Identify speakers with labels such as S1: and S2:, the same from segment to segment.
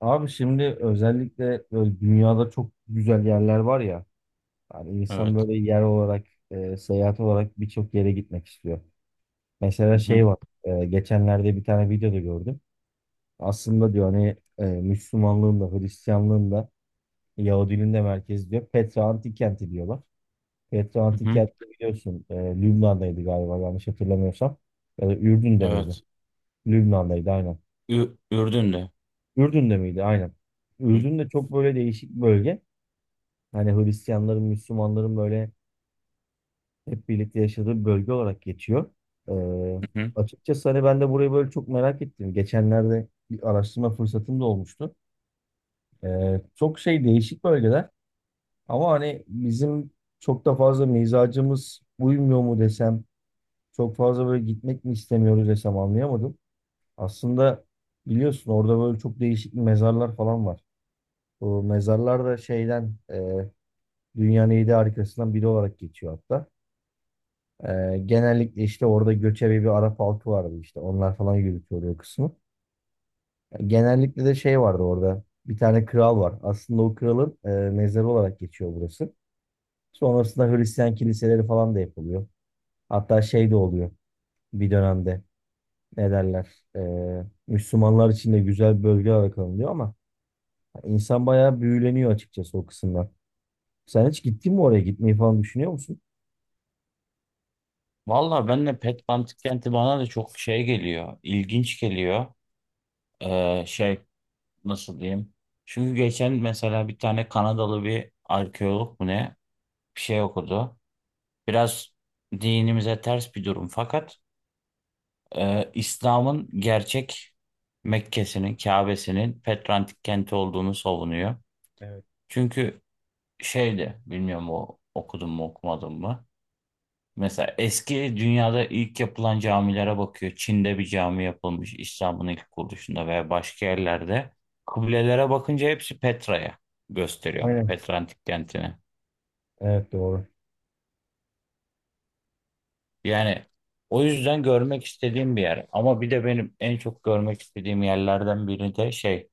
S1: Abi şimdi özellikle böyle dünyada çok güzel yerler var ya. Yani insan
S2: Evet.
S1: böyle yer olarak, seyahat olarak birçok yere gitmek istiyor. Mesela
S2: Hı
S1: şey
S2: hı.
S1: var. Geçenlerde bir tane videoda gördüm. Aslında diyor hani Müslümanlığın da Hristiyanlığın da Yahudiliğin de merkezi diyor. Petra Antik Kenti diyorlar. Petra
S2: Hı
S1: Antik
S2: hı.
S1: Kenti biliyorsun Lübnan'daydı galiba yanlış hatırlamıyorsam. Ya da Ürdün'de miydi?
S2: Evet.
S1: Lübnan'daydı aynen.
S2: Ürdün'de.
S1: Ürdün'de miydi? Aynen.
S2: Ü-
S1: Ürdün de çok böyle değişik bir bölge. Hani Hristiyanların, Müslümanların böyle hep birlikte yaşadığı bir bölge olarak geçiyor. Ee,
S2: Hı hı.
S1: Açıkçası hani ben de burayı böyle çok merak ettim. Geçenlerde bir araştırma fırsatım da olmuştu. Çok şey değişik bölgeler ama hani bizim çok da fazla mizacımız uymuyor mu desem, çok fazla böyle gitmek mi istemiyoruz desem anlayamadım. Aslında biliyorsun orada böyle çok değişik mezarlar falan var. Bu mezarlar da şeyden dünyanın 7 harikasından biri olarak geçiyor hatta. Genellikle işte orada göçebe bir Arap halkı vardı işte. Onlar falan yürütüyordu o kısmı. Genellikle de şey vardı orada. Bir tane kral var. Aslında o kralın mezarı olarak geçiyor burası. Sonrasında Hristiyan kiliseleri falan da yapılıyor. Hatta şey de oluyor bir dönemde. Ne derler? Müslümanlar için de güzel bir bölge olarak alınıyor ama insan bayağı büyüleniyor açıkçası o kısımdan. Sen hiç gittin mi oraya? Gitmeyi falan düşünüyor musun?
S2: Valla ben de Petbantik kenti bana da çok şey geliyor. İlginç geliyor. Şey, nasıl diyeyim. Çünkü geçen mesela bir tane Kanadalı bir arkeolog mu ne bir şey okudu. Biraz dinimize ters bir durum, fakat İslam'ın gerçek Mekke'sinin, Kabe'sinin Petrantik kenti olduğunu savunuyor.
S1: Evet.
S2: Çünkü şeydi, bilmiyorum o okudum mu okumadım mı. Mesela eski dünyada ilk yapılan camilere bakıyor. Çin'de bir cami yapılmış İslam'ın ilk kuruluşunda veya başka yerlerde. Kıblelere bakınca hepsi Petra'ya gösteriyor.
S1: Aynen.
S2: Petra antik kentine.
S1: Evet, doğru.
S2: Yani o yüzden görmek istediğim bir yer. Ama bir de benim en çok görmek istediğim yerlerden biri de şey,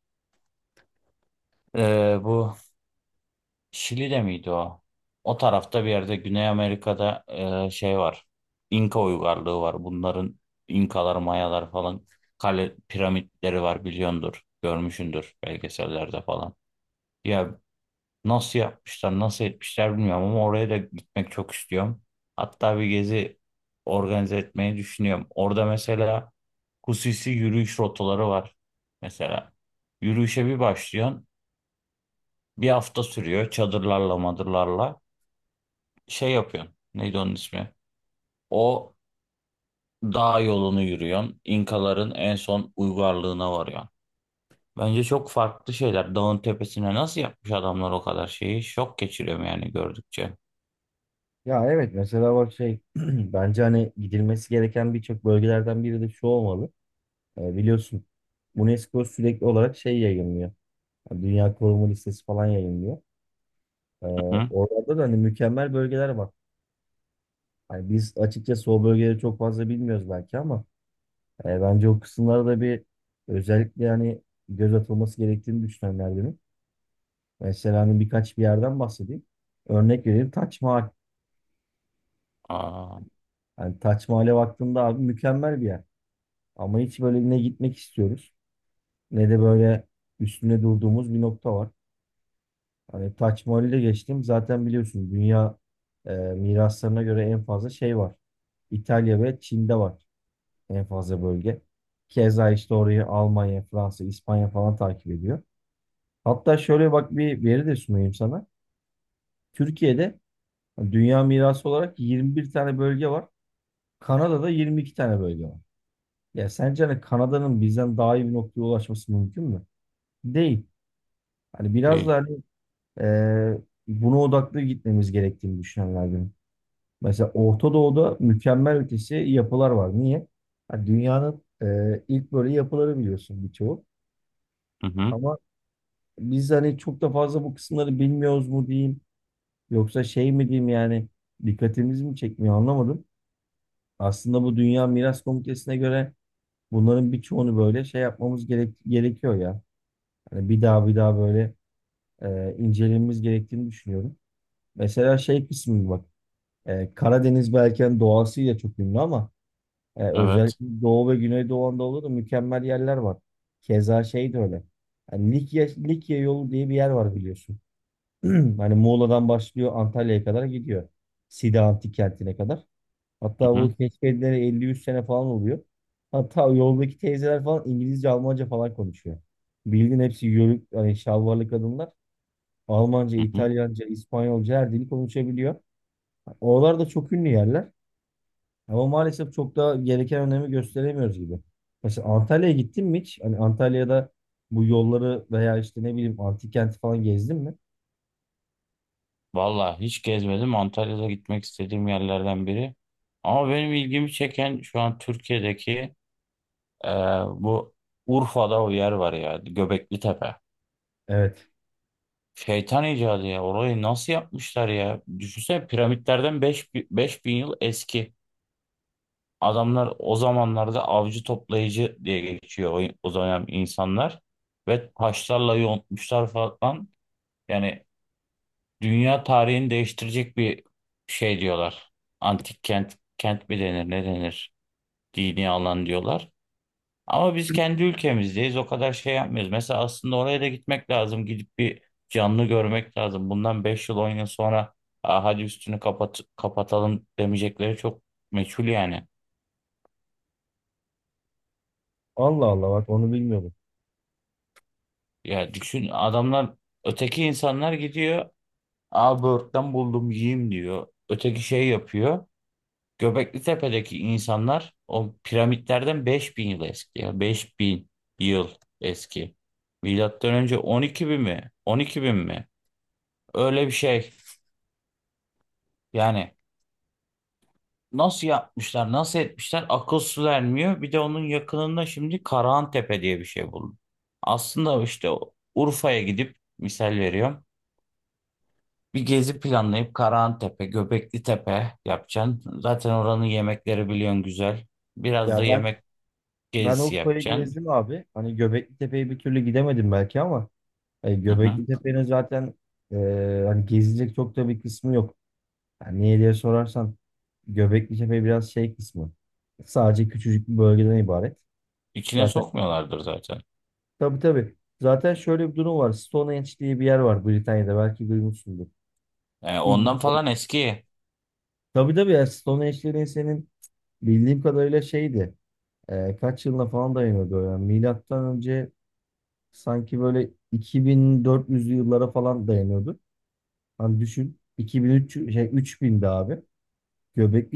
S2: bu Şili'de miydi o? O tarafta bir yerde Güney Amerika'da şey var. İnka uygarlığı var. Bunların İnkalar, Mayalar falan kale piramitleri var, biliyordur. Görmüşsündür belgesellerde falan. Ya nasıl yapmışlar, nasıl etmişler bilmiyorum ama oraya da gitmek çok istiyorum. Hatta bir gezi organize etmeyi düşünüyorum. Orada mesela Kusisi yürüyüş rotaları var. Mesela yürüyüşe bir başlıyorsun. Bir hafta sürüyor, çadırlarla madırlarla şey yapıyorsun. Neydi onun ismi? O dağ yolunu yürüyorsun. İnkaların en son uygarlığına varıyorsun. Bence çok farklı şeyler. Dağın tepesine nasıl yapmış adamlar o kadar şeyi? Şok geçiriyorum yani gördükçe.
S1: Ya evet, mesela bak şey bence hani gidilmesi gereken birçok bölgelerden biri de şu olmalı. Biliyorsun UNESCO sürekli olarak şey yayınlıyor. Yani Dünya Koruma Listesi falan yayınlıyor. Ee,
S2: Hı hı.
S1: Orada da hani mükemmel bölgeler var. Hani biz açıkçası o bölgeleri çok fazla bilmiyoruz belki ama bence o kısımlara da bir özellikle yani göz atılması gerektiğini düşünenlerdenim. Mesela hani birkaç bir yerden bahsedeyim. Örnek vereyim, Taç Mahal.
S2: Aa,
S1: Yani Taç Mahal'e baktığında abi mükemmel bir yer. Ama hiç böyle ne gitmek istiyoruz ne de böyle üstüne durduğumuz bir nokta var. Hani Taç Mahal'i de geçtim. Zaten biliyorsunuz dünya miraslarına göre en fazla şey var. İtalya ve Çin'de var en fazla bölge. Keza işte orayı Almanya, Fransa, İspanya falan takip ediyor. Hatta şöyle bak, bir veri de sunayım sana. Türkiye'de dünya mirası olarak 21 tane bölge var. Kanada'da 22 tane bölge var. Ya sence hani Kanada'nın bizden daha iyi bir noktaya ulaşması mümkün mü? Değil. Hani biraz
S2: değil.
S1: da hani e, buna odaklı gitmemiz gerektiğini düşünenlerdenim. Mesela Orta Doğu'da mükemmel ötesi yapılar var. Niye? Hani dünyanın ilk böyle yapıları biliyorsun birçoğu.
S2: Hı hı.
S1: Ama biz hani çok da fazla bu kısımları bilmiyoruz mu diyeyim. Yoksa şey mi diyeyim yani dikkatimiz mi çekmiyor anlamadım. Aslında bu Dünya Miras Komitesi'ne göre bunların birçoğunu böyle şey yapmamız gerekiyor ya. Hani bir daha bir daha böyle incelememiz gerektiğini düşünüyorum. Mesela şey kısmı bak. E, Karadeniz belki hani doğasıyla çok ünlü ama
S2: Evet.
S1: özellikle Doğu ve Güneydoğu Anadolu'da mükemmel yerler var. Keza şey de öyle. Yani Likya, Likya yolu diye bir yer var biliyorsun. Hani Muğla'dan başlıyor, Antalya'ya kadar gidiyor. Side Antik Kenti'ne kadar.
S2: Hı
S1: Hatta
S2: hı.
S1: bu keşfedilere 50-100 sene falan oluyor. Hatta yoldaki teyzeler falan İngilizce, Almanca falan konuşuyor. Bildiğin hepsi yörük, hani şalvarlı kadınlar. Almanca,
S2: Hı hı.
S1: İtalyanca, İspanyolca her dili konuşabiliyor. Oralar da çok ünlü yerler. Ama maalesef çok da gereken önemi gösteremiyoruz gibi. Mesela Antalya'ya gittin mi hiç? Hani Antalya'da bu yolları veya işte ne bileyim antik kenti falan gezdin mi?
S2: Vallahi hiç gezmedim. Antalya'da gitmek istediğim yerlerden biri. Ama benim ilgimi çeken şu an Türkiye'deki e, bu Urfa'da o yer var ya. Göbekli Tepe.
S1: Evet.
S2: Şeytan icadı ya. Orayı nasıl yapmışlar ya? Düşünsene, piramitlerden 5.000 yıl eski. Adamlar o zamanlarda avcı toplayıcı diye geçiyor, o dönem insanlar. Ve taşlarla yontmuşlar falan. Yani dünya tarihini değiştirecek bir şey diyorlar. Antik kent, kent mi denir ne denir? Dini alan diyorlar. Ama biz kendi ülkemizdeyiz. O kadar şey yapmıyoruz. Mesela aslında oraya da gitmek lazım. Gidip bir canlı görmek lazım. Bundan 5 yıl 10 yıl sonra "Aa, hadi üstünü kapat kapatalım" demeyecekleri çok meçhul yani.
S1: Allah Allah, bak, onu bilmiyordum.
S2: Ya düşün, adamlar öteki insanlar gidiyor. Aa, böğürtlen buldum yiyeyim diyor. Öteki şey yapıyor. Göbekli Tepe'deki insanlar o piramitlerden 5.000 yıl eski ya. 5.000 yıl eski. Milattan önce 12.000 mi? 12.000 mi? Öyle bir şey. Yani nasıl yapmışlar, nasıl etmişler akıl su ermiyor. Bir de onun yakınında şimdi Karahantepe diye bir şey buldum. Aslında işte Urfa'ya gidip misal veriyorum. Bir gezi planlayıp Karahantepe, Göbekli Tepe yapacaksın. Zaten oranın yemekleri biliyorsun güzel. Biraz da
S1: Ya ben
S2: yemek
S1: ben
S2: gezisi
S1: Urfa'yı
S2: yapacaksın.
S1: gezdim abi. Hani Göbekli Tepe'ye bir türlü gidemedim belki ama hani
S2: Hı hı.
S1: Göbekli Tepe'nin zaten e, hani gezilecek çok da bir kısmı yok. Yani niye diye sorarsan Göbekli Tepe biraz şey kısmı. Sadece küçücük bir bölgeden ibaret.
S2: İçine
S1: Zaten,
S2: sokmuyorlardır zaten.
S1: tabii, tabii. Zaten şöyle bir durum var. Stonehenge diye bir yer var Britanya'da. Belki duymuşsundur.
S2: Yani ondan
S1: Bilmiyorum.
S2: falan eski.
S1: Tabii tabii, ya Stonehenge'lerin senin bildiğim kadarıyla şeydi. Kaç yılına falan dayanıyordu. Yani milattan önce sanki böyle 2400'lü yıllara falan dayanıyordu. Hani düşün 2003 şey 3000'di abi.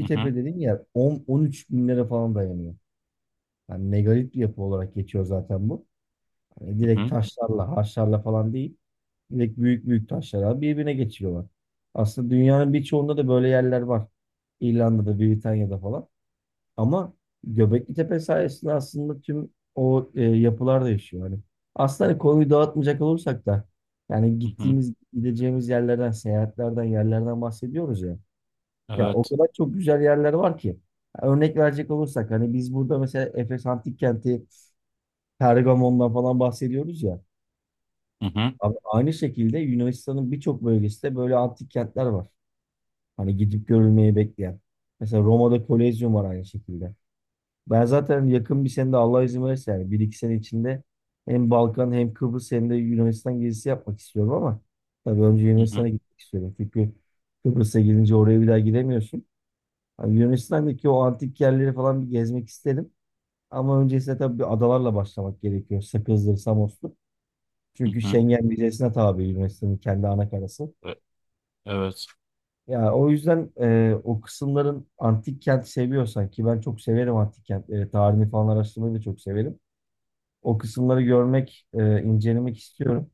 S2: Hı hı,
S1: Tepe dediğin yer 10 13 binlere falan dayanıyor. Yani megalit bir yapı olarak geçiyor zaten bu. Hani
S2: hı
S1: direkt
S2: hı,
S1: taşlarla, harçlarla falan değil. Direkt büyük büyük taşlar abi birbirine geçiyorlar. Aslında dünyanın birçoğunda da böyle yerler var. İrlanda'da, Britanya'da falan. Ama Göbekli Tepe sayesinde aslında tüm o yapılar değişiyor. Hani aslında hani konuyu dağıtmayacak olursak da yani
S2: hı hı.
S1: gittiğimiz, gideceğimiz yerlerden, seyahatlerden, yerlerden bahsediyoruz ya. Ya o
S2: Evet.
S1: kadar çok güzel yerler var ki. Örnek verecek olursak hani biz burada mesela Efes Antik Kenti, Pergamon'dan falan bahsediyoruz ya.
S2: Hı hı,
S1: Abi aynı şekilde Yunanistan'ın birçok bölgesinde böyle antik kentler var. Hani gidip görülmeyi bekleyen. Mesela Roma'da Kolezyum var aynı şekilde. Ben zaten yakın bir senede Allah izin verirse yani bir iki sene içinde hem Balkan hem Kıbrıs hem de Yunanistan gezisi yapmak istiyorum ama tabii önce
S2: hı
S1: Yunanistan'a
S2: hı,
S1: gitmek istiyorum. Çünkü Kıbrıs'a gidince oraya bir daha gidemiyorsun. Hani Yunanistan'daki o antik yerleri falan bir gezmek isterim. Ama öncesinde tabii bir adalarla başlamak gerekiyor. Sakız'dır, Samos'tur.
S2: hı
S1: Çünkü
S2: hı.
S1: Schengen vizesine tabi Yunanistan'ın kendi anakarası.
S2: E- Evet.
S1: Ya o yüzden o kısımların antik kent seviyorsan ki ben çok severim antik kentleri, tarihini falan araştırmayı da çok severim. O kısımları görmek, incelemek istiyorum.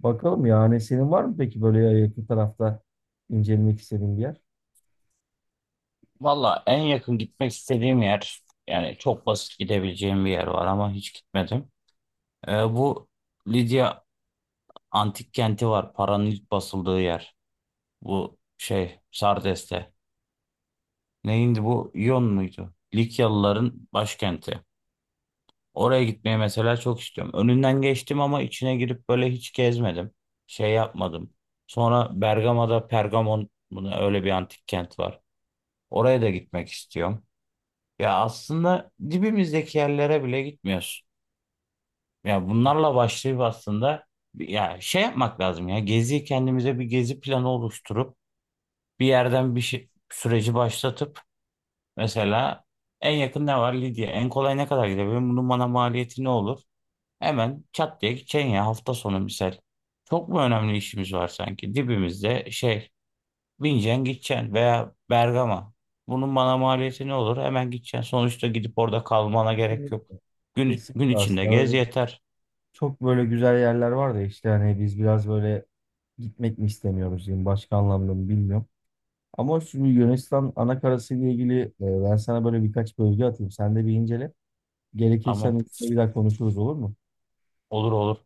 S1: Bakalım yani senin var mı peki böyle yakın tarafta incelemek istediğin bir yer?
S2: Valla en yakın gitmek istediğim yer, yani çok basit gidebileceğim bir yer var ama hiç gitmedim. Bu Lidya antik kenti var. Paranın ilk basıldığı yer. Bu şey Sardes'te. Neyindi bu? İyon muydu? Likyalıların başkenti. Oraya gitmeyi mesela çok istiyorum. Önünden geçtim ama içine girip böyle hiç gezmedim. Şey yapmadım. Sonra Bergama'da Pergamon buna öyle bir antik kent var. Oraya da gitmek istiyorum. Ya aslında dibimizdeki yerlere bile gitmiyoruz. Ya bunlarla başlayıp aslında ya şey yapmak lazım, ya gezi, kendimize bir gezi planı oluşturup bir yerden bir şey, süreci başlatıp mesela en yakın ne var, Lidya, en kolay ne kadar gidebilirim, bunun bana maliyeti ne olur, hemen çat diye gideceksin ya, hafta sonu misal. Çok mu önemli işimiz var sanki? Dibimizde şey, bineceksin gideceksin, veya Bergama. Bunun bana maliyeti ne olur? Hemen gideceksin. Sonuçta gidip orada kalmana gerek yok.
S1: Kesinlikle.
S2: Gün, gün
S1: Kesinlikle,
S2: içinde
S1: aslında
S2: gez
S1: öyle
S2: yeter.
S1: çok böyle güzel yerler var da işte hani biz biraz böyle gitmek mi istemiyoruz diyeyim başka anlamda mı bilmiyorum. Ama şu Yunanistan anakarası ile ilgili ben sana böyle birkaç bölge atayım. Sen de bir incele. Gerekirse
S2: Tamam.
S1: hani üstüne bir daha konuşuruz, olur mu?
S2: Olur olur.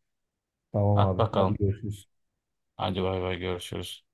S1: Tamam
S2: At
S1: abi. Hadi
S2: bakalım.
S1: görüşürüz.
S2: Hadi bay bay, görüşürüz.